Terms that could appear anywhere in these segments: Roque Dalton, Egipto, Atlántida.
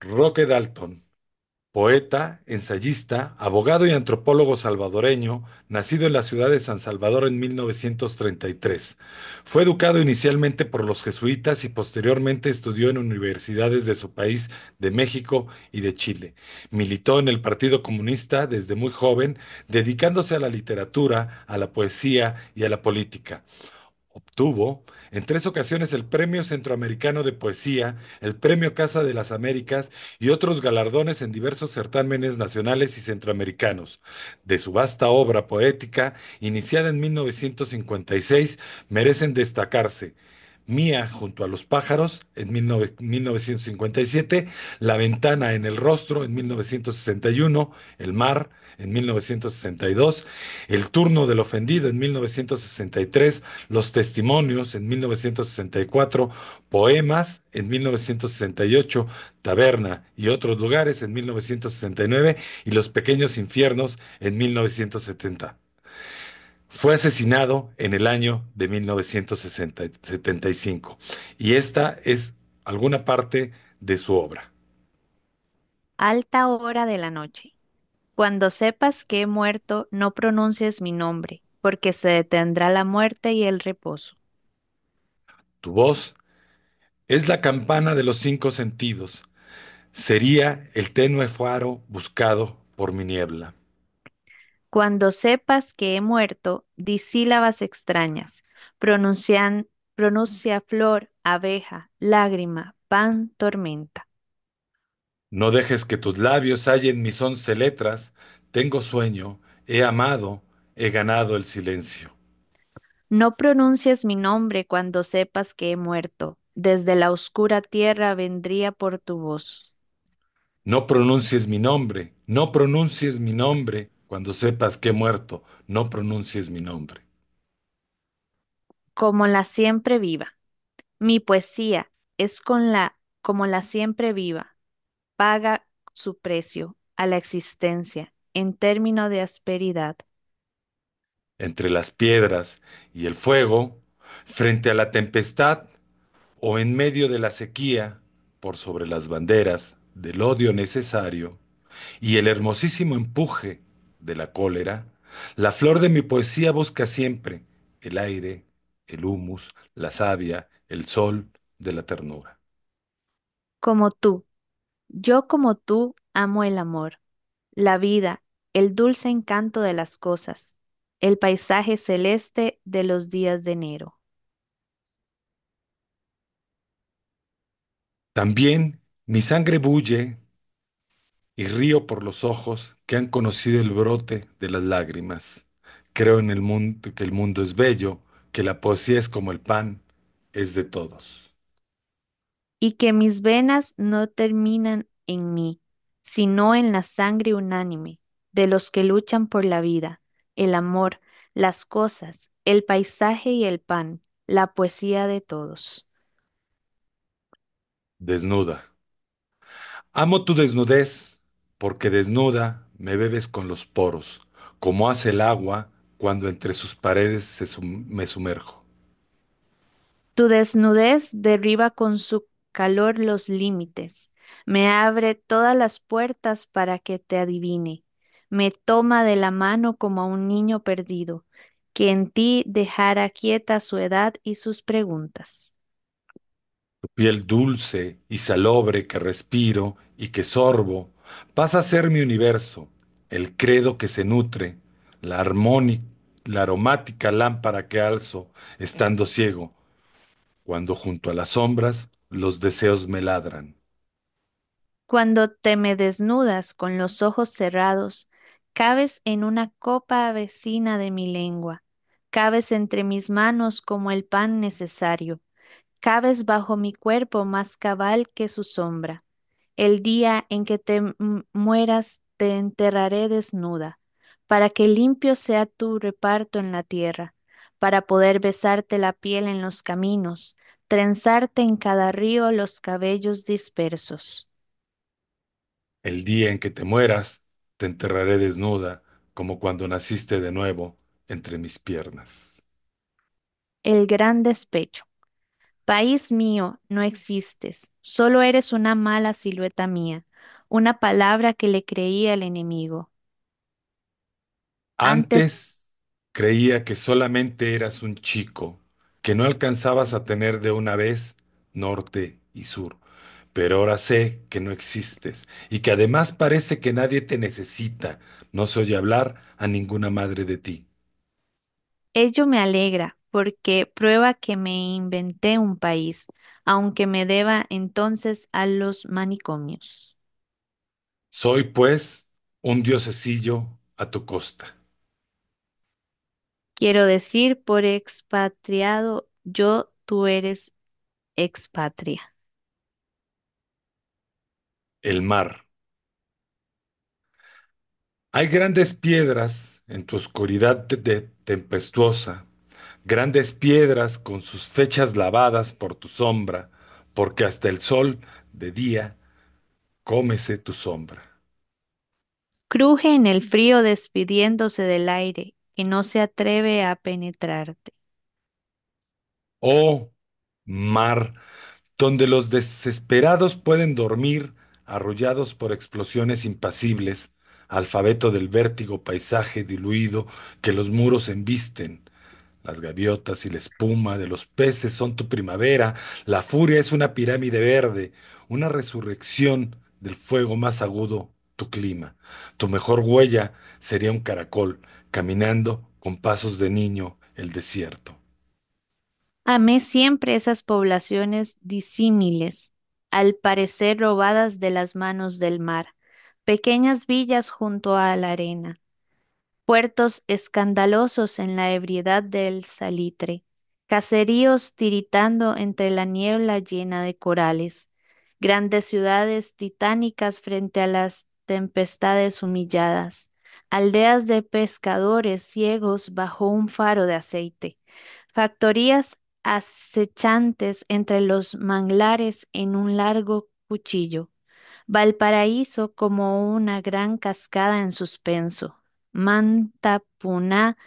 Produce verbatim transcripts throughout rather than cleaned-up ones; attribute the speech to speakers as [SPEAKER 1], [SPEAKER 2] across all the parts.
[SPEAKER 1] Roque Dalton, poeta, ensayista, abogado y antropólogo salvadoreño, nacido en la ciudad de San Salvador en mil novecientos treinta y tres. Fue educado inicialmente por los jesuitas y posteriormente estudió en universidades de su país, de México y de Chile. Militó en el Partido Comunista desde muy joven, dedicándose a la literatura, a la poesía y a la política. Obtuvo en tres ocasiones el Premio Centroamericano de Poesía, el Premio Casa de las Américas y otros galardones en diversos certámenes nacionales y centroamericanos. De su vasta obra poética, iniciada en mil novecientos cincuenta y seis, merecen destacarse Mía junto a los pájaros en mil nove- mil novecientos cincuenta y siete, La ventana en el rostro en mil novecientos sesenta y uno, El mar en mil novecientos sesenta y dos, El turno del ofendido en mil novecientos sesenta y tres, los Testimonios en mil novecientos sesenta y cuatro, Poemas en mil novecientos sesenta y ocho, Taberna y otros lugares en mil novecientos sesenta y nueve y nueve, y Los Pequeños Infiernos en mil novecientos setenta. Fue asesinado en el año de mil novecientos setenta y cinco y cinco y esta es alguna parte de su obra.
[SPEAKER 2] Alta hora de la noche. Cuando sepas que he muerto, no pronuncies mi nombre, porque se detendrá la muerte y el reposo.
[SPEAKER 1] Tu voz es la campana de los cinco sentidos, sería el tenue faro buscado por mi niebla.
[SPEAKER 2] Cuando sepas que he muerto, di sílabas extrañas. Pronuncian, pronuncia flor, abeja, lágrima, pan, tormenta.
[SPEAKER 1] No dejes que tus labios hallen mis once letras. Tengo sueño, he amado, he ganado el silencio.
[SPEAKER 2] No pronuncies mi nombre cuando sepas que he muerto. Desde la oscura tierra vendría por tu voz,
[SPEAKER 1] No pronuncies mi nombre, no pronuncies mi nombre. Cuando sepas que he muerto, no pronuncies mi nombre.
[SPEAKER 2] como la siempre viva. Mi poesía es con la, como la siempre viva paga su precio a la existencia en término de asperidad.
[SPEAKER 1] Entre las piedras y el fuego, frente a la tempestad o en medio de la sequía, por sobre las banderas del odio necesario, y el hermosísimo empuje de la cólera, la flor de mi poesía busca siempre el aire, el humus, la savia, el sol de la ternura.
[SPEAKER 2] Como tú, yo como tú amo el amor, la vida, el dulce encanto de las cosas, el paisaje celeste de los días de enero,
[SPEAKER 1] También mi sangre bulle y río por los ojos que han conocido el brote de las lágrimas. Creo en el mundo, que el mundo es bello, que la poesía es como el pan, es de todos.
[SPEAKER 2] y que mis venas no terminan en mí, sino en la sangre unánime de los que luchan por la vida, el amor, las cosas, el paisaje y el pan, la poesía de todos.
[SPEAKER 1] Desnuda. Amo tu desnudez, porque desnuda me bebes con los poros, como hace el agua cuando entre sus paredes se sum- me sumerjo.
[SPEAKER 2] Tu desnudez derriba con su calor los límites, me abre todas las puertas para que te adivine, me toma de la mano como a un niño perdido, que en ti dejara quieta su edad y sus preguntas.
[SPEAKER 1] Tu piel dulce y salobre que respiro y que sorbo, pasa a ser mi universo, el credo que se nutre, la armónica, la aromática lámpara que alzo, estando ciego, cuando junto a las sombras los deseos me ladran.
[SPEAKER 2] Cuando te me desnudas con los ojos cerrados, cabes en una copa vecina de mi lengua, cabes entre mis manos como el pan necesario, cabes bajo mi cuerpo más cabal que su sombra. El día en que te m- mueras, te enterraré desnuda, para que limpio sea tu reparto en la tierra, para poder besarte la piel en los caminos, trenzarte en cada río los cabellos dispersos.
[SPEAKER 1] El día en que te mueras, te enterraré desnuda, como cuando naciste de nuevo entre mis piernas.
[SPEAKER 2] El gran despecho. País mío, no existes, solo eres una mala silueta mía, una palabra que le creía al enemigo. Antes,
[SPEAKER 1] Antes creía que solamente eras un chico, que no alcanzabas a tener de una vez norte y sur, pero ahora sé que no existes y que además parece que nadie te necesita. No se oye hablar a ninguna madre de ti.
[SPEAKER 2] ello me alegra porque prueba que me inventé un país, aunque me deba entonces a los manicomios.
[SPEAKER 1] Soy, pues, un diosecillo a tu costa,
[SPEAKER 2] Quiero decir, por expatriado, yo tú eres expatria.
[SPEAKER 1] el mar. Hay grandes piedras en tu oscuridad te- te- tempestuosa, grandes piedras con sus fechas lavadas por tu sombra, porque hasta el sol de día cómese tu sombra.
[SPEAKER 2] Cruje en el frío despidiéndose del aire, que no se atreve a penetrarte.
[SPEAKER 1] Oh mar, donde los desesperados pueden dormir, arrollados por explosiones impasibles, alfabeto del vértigo, paisaje diluido que los muros embisten. Las gaviotas y la espuma de los peces son tu primavera. La furia es una pirámide verde, una resurrección del fuego más agudo, tu clima. Tu mejor huella sería un caracol caminando con pasos de niño el desierto.
[SPEAKER 2] Amé siempre esas poblaciones disímiles, al parecer robadas de las manos del mar, pequeñas villas junto a la arena, puertos escandalosos en la ebriedad del salitre, caseríos tiritando entre la niebla llena de corales, grandes ciudades titánicas frente a las tempestades humilladas, aldeas de pescadores ciegos bajo un faro de aceite, factorías acechantes entre los manglares en un largo cuchillo, Valparaíso como una gran cascada en suspenso. Manta, Puná,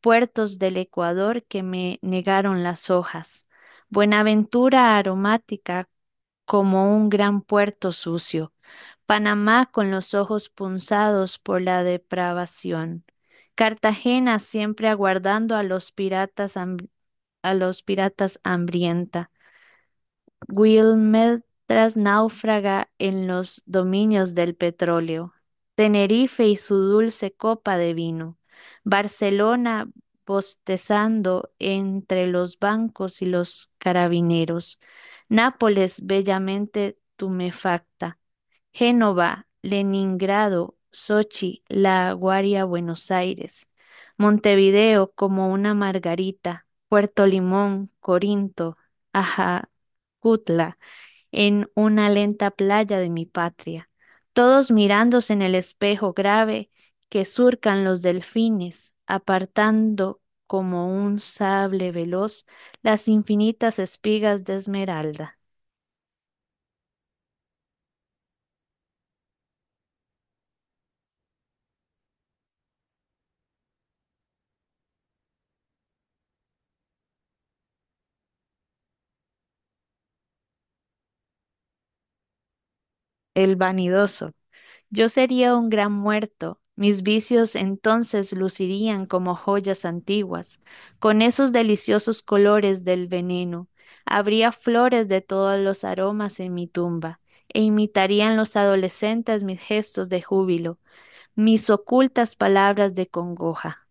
[SPEAKER 2] puertos del Ecuador que me negaron las hojas. Buenaventura aromática como un gran puerto sucio. Panamá con los ojos punzados por la depravación. Cartagena siempre aguardando a los piratas, ham- a los piratas hambrienta. Will tras náufraga en los dominios del petróleo, Tenerife y su dulce copa de vino, Barcelona bostezando entre los bancos y los carabineros, Nápoles bellamente tumefacta, Génova, Leningrado, Sochi, La Aguaria, Buenos Aires, Montevideo como una margarita, Puerto Limón, Corinto, Ajacutla, en una lenta playa de mi patria, todos mirándose en el espejo grave que surcan los delfines, apartando como un sable veloz las infinitas espigas de esmeralda. El vanidoso. Yo sería un gran muerto. Mis vicios entonces lucirían como joyas antiguas, con esos deliciosos colores del veneno. Habría flores de todos los aromas en mi tumba, e imitarían los adolescentes mis gestos de júbilo, mis ocultas palabras de congoja.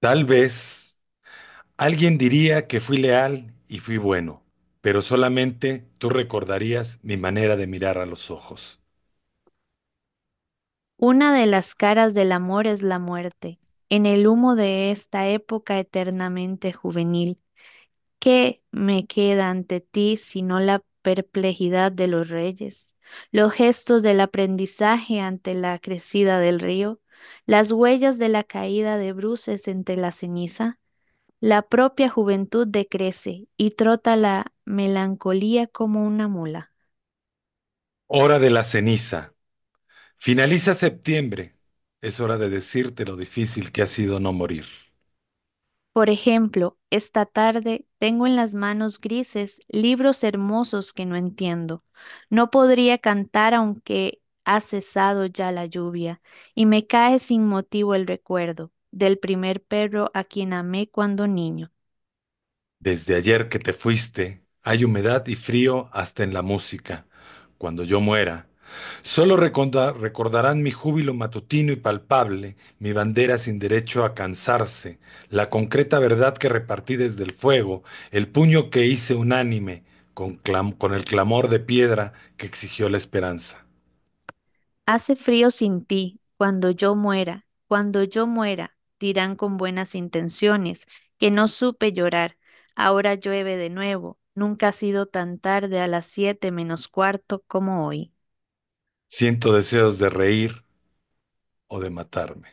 [SPEAKER 1] Tal vez alguien diría que fui leal y fui bueno, pero solamente tú recordarías mi manera de mirar a los ojos.
[SPEAKER 2] Una de las caras del amor es la muerte, en el humo de esta época eternamente juvenil. ¿Qué me queda ante ti sino la perplejidad de los reyes, los gestos del aprendizaje ante la crecida del río, las huellas de la caída de bruces entre la ceniza? La propia juventud decrece y trota la melancolía como una mula.
[SPEAKER 1] Hora de la ceniza. Finaliza septiembre. Es hora de decirte lo difícil que ha sido no morir.
[SPEAKER 2] Por ejemplo, esta tarde tengo en las manos grises libros hermosos que no entiendo. No podría cantar aunque ha cesado ya la lluvia, y me cae sin motivo el recuerdo del primer perro a quien amé cuando niño.
[SPEAKER 1] Desde ayer que te fuiste, hay humedad y frío hasta en la música. Cuando yo muera, solo reconda- recordarán mi júbilo matutino y palpable, mi bandera sin derecho a cansarse, la concreta verdad que repartí desde el fuego, el puño que hice unánime con clam- con el clamor de piedra que exigió la esperanza.
[SPEAKER 2] Hace frío sin ti, cuando yo muera, cuando yo muera, dirán con buenas intenciones, que no supe llorar. Ahora llueve de nuevo, nunca ha sido tan tarde a las siete menos cuarto como hoy.
[SPEAKER 1] Siento deseos de reír o de matarme.